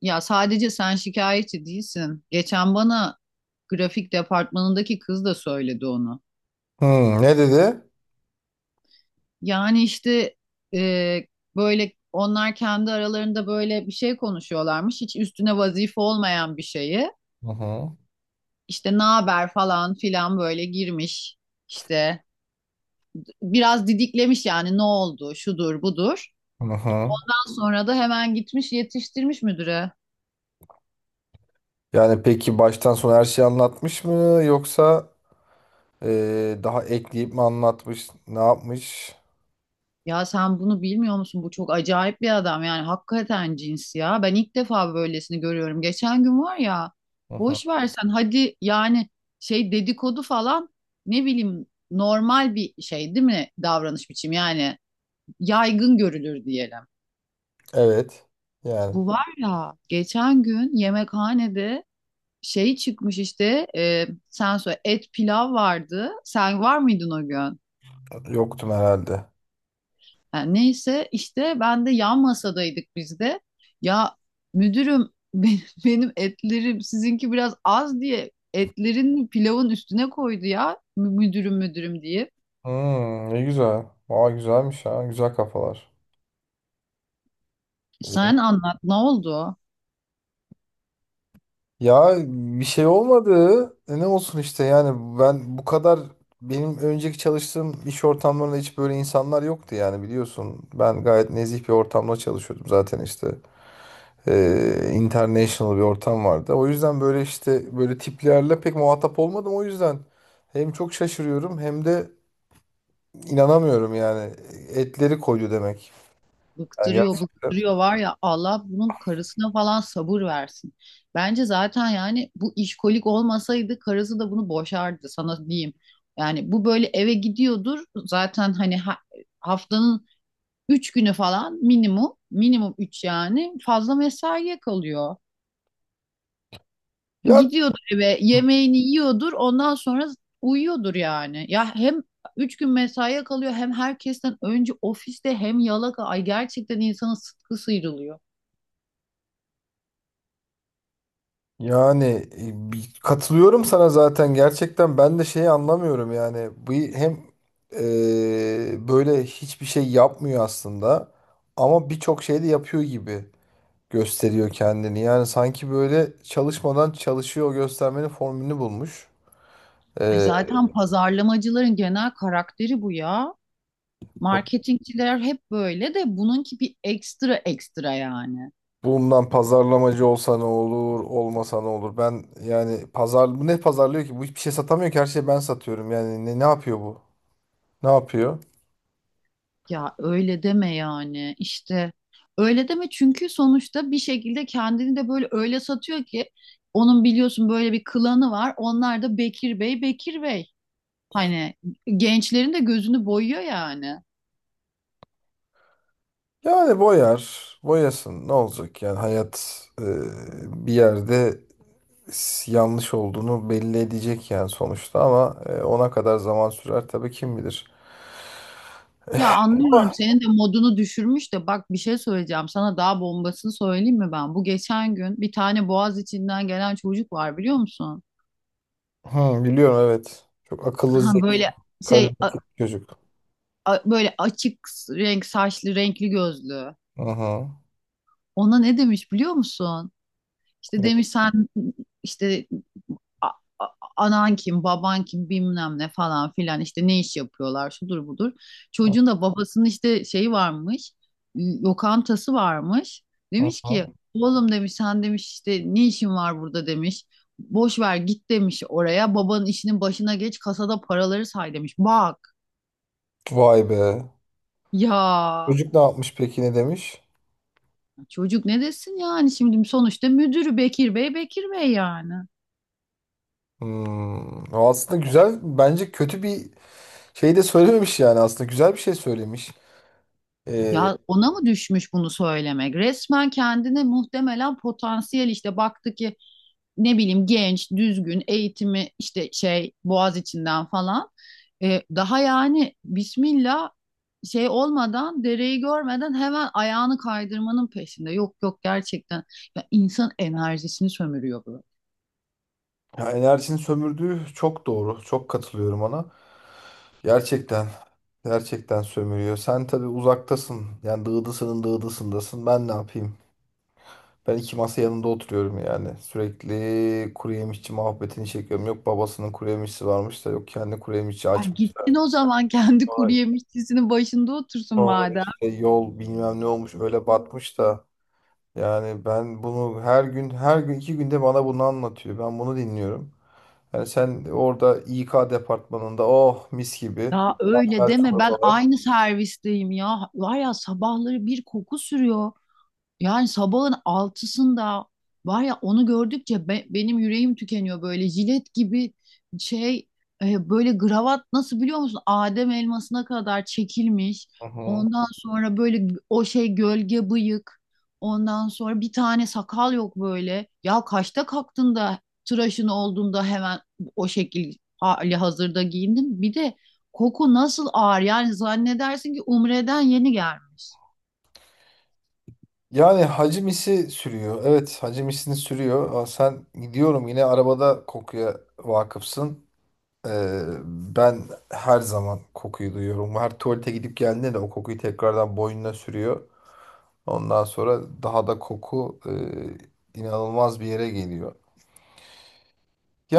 Ya sadece sen şikayetçi değilsin. Geçen bana grafik departmanındaki kız da söyledi onu. Hmm, ne dedi? Yani işte e, böyle onlar kendi aralarında böyle bir şey konuşuyorlarmış. Hiç üstüne vazife olmayan bir şeyi. Hı hı. İşte ne haber falan filan böyle girmiş. İşte biraz didiklemiş yani ne oldu şudur budur. Hı hı. Ondan sonra da hemen gitmiş yetiştirmiş müdüre. Yani peki baştan sona her şeyi anlatmış mı yoksa daha ekleyip mi anlatmış? Ne yapmış? Ya sen bunu bilmiyor musun? Bu çok acayip bir adam yani hakikaten cins ya. Ben ilk defa böylesini görüyorum. Geçen gün var ya Hı hı. boş versen hadi yani şey dedikodu falan ne bileyim normal bir şey değil mi davranış biçimi yani yaygın görülür diyelim. Evet. Yani Bu var ya geçen gün yemekhanede şey çıkmış işte sen söyle et pilav vardı. Sen var mıydın o gün? yoktum herhalde. Ha, neyse işte ben de yan masadaydık biz de. Ya müdürüm benim, benim etlerim sizinki biraz az diye etlerin pilavın üstüne koydu ya müdürüm müdürüm diye. Hmm, ne güzel. Aa, güzelmiş ha. Güzel kafalar. Sen anlat ne oldu? Ya bir şey olmadı. Ne olsun işte yani ben bu kadar benim önceki çalıştığım iş ortamlarında hiç böyle insanlar yoktu yani biliyorsun. Ben gayet nezih bir ortamda çalışıyordum zaten işte. International bir ortam vardı. O yüzden böyle işte böyle tiplerle pek muhatap olmadım. O yüzden hem çok şaşırıyorum hem de inanamıyorum yani. Etleri koydu demek. Yani Bıktırıyor gerçekten. bıktırıyor var ya Allah bunun karısına falan sabır versin. Bence zaten yani bu işkolik olmasaydı karısı da bunu boşardı sana diyeyim. Yani bu böyle eve gidiyordur zaten hani haftanın üç günü falan minimum, minimum üç yani fazla mesaiye kalıyor. Ya Gidiyordur eve, yemeğini yiyordur, ondan sonra uyuyordur yani. Ya hem üç gün mesaiye kalıyor hem herkesten önce ofiste hem yalaka. Ay gerçekten insanın sıtkı sıyrılıyor. yani Katılıyorum sana zaten, gerçekten ben de şeyi anlamıyorum yani bu hem böyle hiçbir şey yapmıyor aslında ama birçok şey de yapıyor gibi. Gösteriyor kendini. Yani sanki böyle çalışmadan çalışıyor göstermenin formülünü bulmuş. Ay Ee, zaten pazarlamacıların genel karakteri bu ya. bu- Marketingçiler hep böyle de bununki bir ekstra ekstra yani. Bundan pazarlamacı olsa ne olur, olmasa ne olur? Ben yani bu ne pazarlıyor ki? Bu hiçbir şey satamıyor ki, her şeyi ben satıyorum. Yani ne yapıyor bu? Ne yapıyor? Ya öyle deme yani işte öyle deme çünkü sonuçta bir şekilde kendini de böyle öyle satıyor ki onun biliyorsun böyle bir klanı var onlar da Bekir Bey Bekir Bey hani gençlerin de gözünü boyuyor yani. Yani boyar, boyasın. Ne olacak? Yani hayat bir yerde yanlış olduğunu belli edecek yani sonuçta, ama ona kadar zaman sürer tabii, kim bilir. Ya anlıyorum senin de modunu düşürmüş de bak bir şey söyleyeceğim sana daha bombasını söyleyeyim mi ben? Bu geçen gün bir tane boğaz içinden gelen çocuk var biliyor musun? Hı, biliyorum, evet. Çok akıllı, Ha zeki, böyle şey karizmatik çocuk. Böyle açık renk saçlı renkli gözlü. Aha. Ona ne demiş biliyor musun? İşte Evet. demiş sen işte a- a- anan kim, baban kim bilmem ne falan filan işte ne iş yapıyorlar şudur budur. Çocuğun da babasının işte şeyi varmış, lokantası varmış. Demiş Aha. ki oğlum demiş sen demiş işte ne işin var burada demiş. Boş ver git demiş oraya babanın işinin başına geç kasada paraları say demiş. Bak Vay be. ya Çocuk ne yapmış peki, ne demiş? çocuk ne desin yani şimdi sonuçta müdürü Bekir Bey Bekir Bey yani. Hmm. O aslında güzel, bence kötü bir şey de söylememiş, yani aslında güzel bir şey söylemiş. Ee, Ya ona mı düşmüş bunu söylemek? Resmen kendine muhtemelen potansiyel işte baktı ki ne bileyim genç, düzgün, eğitimi işte şey Boğaziçi'nden falan. Daha yani Bismillah şey olmadan dereyi görmeden hemen ayağını kaydırmanın peşinde. Yok yok gerçekten ya insan enerjisini sömürüyor bu. ya enerjinin sömürdüğü çok doğru. Çok katılıyorum ona. Gerçekten. Gerçekten sömürüyor. Sen tabii uzaktasın. Yani dağdasının dağdasındasın. Ben ne yapayım? Ben iki masa yanında oturuyorum yani. Sürekli kuru yemişçi muhabbetini çekiyorum. Yok babasının kuru yemişçisi varmış, da yok kendi kuru yemişçi Ay açmışlar. gitsin o zaman kendi kuru Sonra, yemişçisinin başında otursun sonra, madem. işte yol bilmem ne olmuş, öyle batmış da. Yani ben bunu her gün her gün iki günde bana bunu anlatıyor. Ben bunu dinliyorum. Yani sen orada İK departmanında oh, mis gibi. Ya öyle Her deme ben çorbalar. aynı servisteyim ya. Var ya sabahları bir koku sürüyor. Yani sabahın altısında var ya onu gördükçe benim yüreğim tükeniyor böyle jilet gibi şey böyle gravat nasıl biliyor musun? Adem elmasına kadar çekilmiş. Hı hı. Ondan sonra böyle o şey gölge bıyık. Ondan sonra bir tane sakal yok böyle. Ya kaçta kalktın da tıraşın olduğunda hemen o şekil hali hazırda giyindin. Bir de koku nasıl ağır yani zannedersin ki Umre'den yeni gelmiş. Yani hacimisi sürüyor. Evet, hacimisi sürüyor. Aa, sen gidiyorum yine arabada kokuya vakıfsın. Ben her zaman kokuyu duyuyorum. Her tuvalete gidip geldiğinde de o kokuyu tekrardan boynuna sürüyor. Ondan sonra daha da koku inanılmaz bir yere geliyor.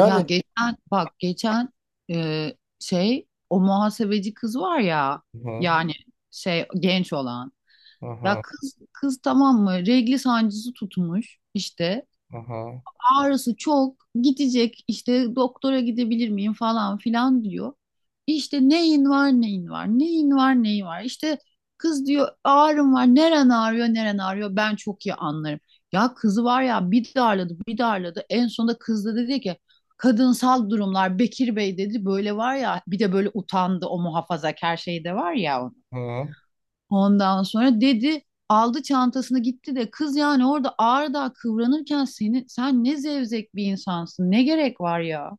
Ya geçen bak geçen şey o muhasebeci kız var ya hı yani şey genç olan hı ya kız tamam mı regli sancısı tutmuş işte hı hı. ağrısı çok gidecek işte doktora gidebilir miyim falan filan diyor. İşte neyin var İşte kız diyor ağrım var neren ağrıyor ben çok iyi anlarım. Ya kızı var ya bir darladı en sonunda kız da dedi ki kadınsal durumlar Bekir Bey dedi böyle var ya bir de böyle utandı o muhafazakar şey de var ya. Hı. Ondan sonra dedi aldı çantasını gitti de kız yani orada ağırda kıvranırken seni sen ne zevzek bir insansın. Ne gerek var ya?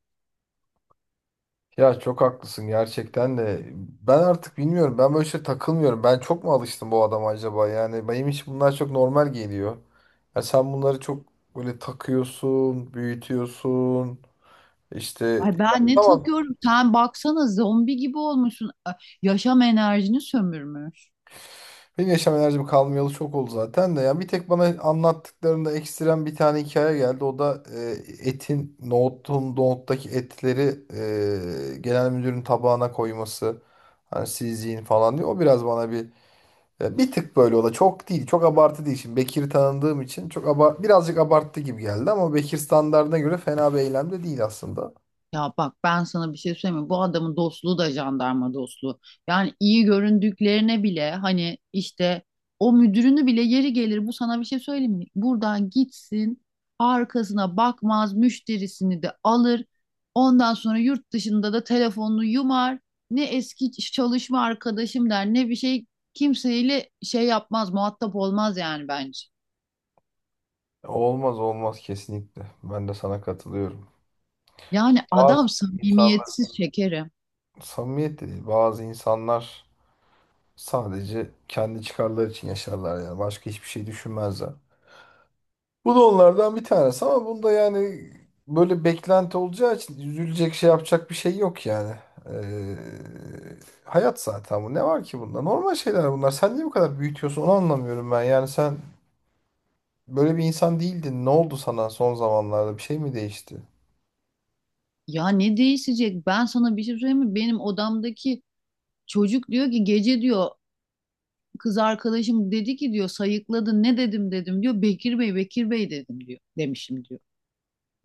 Ya çok haklısın gerçekten de. Ben artık bilmiyorum. Ben böyle şey takılmıyorum. Ben çok mu alıştım bu adama acaba? Yani benim için bunlar çok normal geliyor. Ya sen bunları çok böyle takıyorsun, büyütüyorsun. İşte. Ay Ya ben ne tamam. takıyorum? Sen baksana zombi gibi olmuşsun. Ay, yaşam enerjini sömürmüş. Benim yaşam enerjim kalmayalı çok oldu zaten de. Yani bir tek bana anlattıklarında ekstrem bir tane hikaye geldi. O da etin, nohutun, nohuttaki etleri genel müdürün tabağına koyması. Hani siz yiyin falan diyor. O biraz bana bir tık böyle, o da çok değil. Çok abartı değil. Şimdi Bekir'i tanıdığım için çok abar birazcık abarttı gibi geldi ama Bekir standartına göre fena bir eylem de değil aslında. Ya bak ben sana bir şey söyleyeyim mi? Bu adamın dostluğu da jandarma dostluğu. Yani iyi göründüklerine bile hani işte o müdürünü bile yeri gelir bu sana bir şey söyleyeyim mi? Buradan gitsin arkasına bakmaz müşterisini de alır. Ondan sonra yurt dışında da telefonunu yumar. Ne eski çalışma arkadaşım der ne bir şey kimseyle şey yapmaz muhatap olmaz yani bence. Olmaz olmaz, kesinlikle. Ben de sana katılıyorum. Yani Bazı adam insanlar samimiyetsiz şekerim. samimiyet de değil. Bazı insanlar sadece kendi çıkarları için yaşarlar yani. Başka hiçbir şey düşünmezler. Bu da onlardan bir tanesi, ama bunda yani böyle beklenti olacağı için üzülecek, şey yapacak bir şey yok yani. Ee, hayat zaten bu. Ne var ki bunda? Normal şeyler bunlar. Sen niye bu kadar büyütüyorsun onu, anlamıyorum ben. Yani sen böyle bir insan değildin. Ne oldu sana son zamanlarda? Bir şey mi değişti? Ya ne değişecek? Ben sana bir şey söyleyeyim mi? Benim odamdaki çocuk diyor ki gece diyor kız arkadaşım dedi ki diyor sayıkladı ne dedim dedim diyor. Bekir Bey Bekir Bey dedim diyor demişim diyor.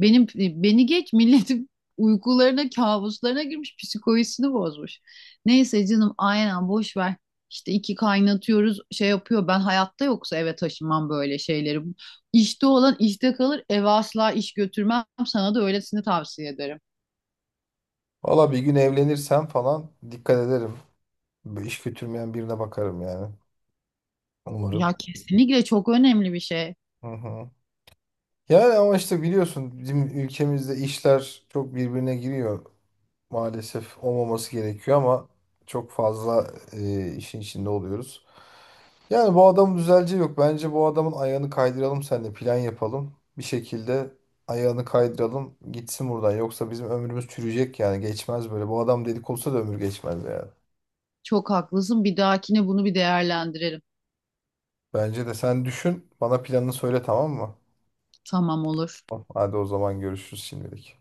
Benim beni geç milletin uykularına kabuslarına girmiş psikolojisini bozmuş. Neyse canım aynen boş ver. İşte iki kaynatıyoruz şey yapıyor ben hayatta yoksa eve taşınmam böyle şeyleri. İşte olan işte kalır eve asla iş götürmem sana da öylesini tavsiye ederim. Valla bir gün evlenirsem falan dikkat ederim. Böyle iş götürmeyen birine bakarım yani. Ya Umarım. kesinlikle çok önemli bir şey. Hı hı. Yani ama işte biliyorsun bizim ülkemizde işler çok birbirine giriyor. Maalesef olmaması gerekiyor ama çok fazla işin içinde oluyoruz. Yani bu adamın düzeleceği yok. Bence bu adamın ayağını kaydıralım, seninle plan yapalım. Bir şekilde ayağını kaydıralım, gitsin buradan. Yoksa bizim ömrümüz çürüyecek yani, geçmez böyle. Bu adam delik olsa da ömür geçmez yani. Çok haklısın. Bir dahakine bunu bir değerlendirelim. Bence de sen düşün, bana planını söyle, tamam mı? Tamam olur. Hadi o zaman görüşürüz şimdilik.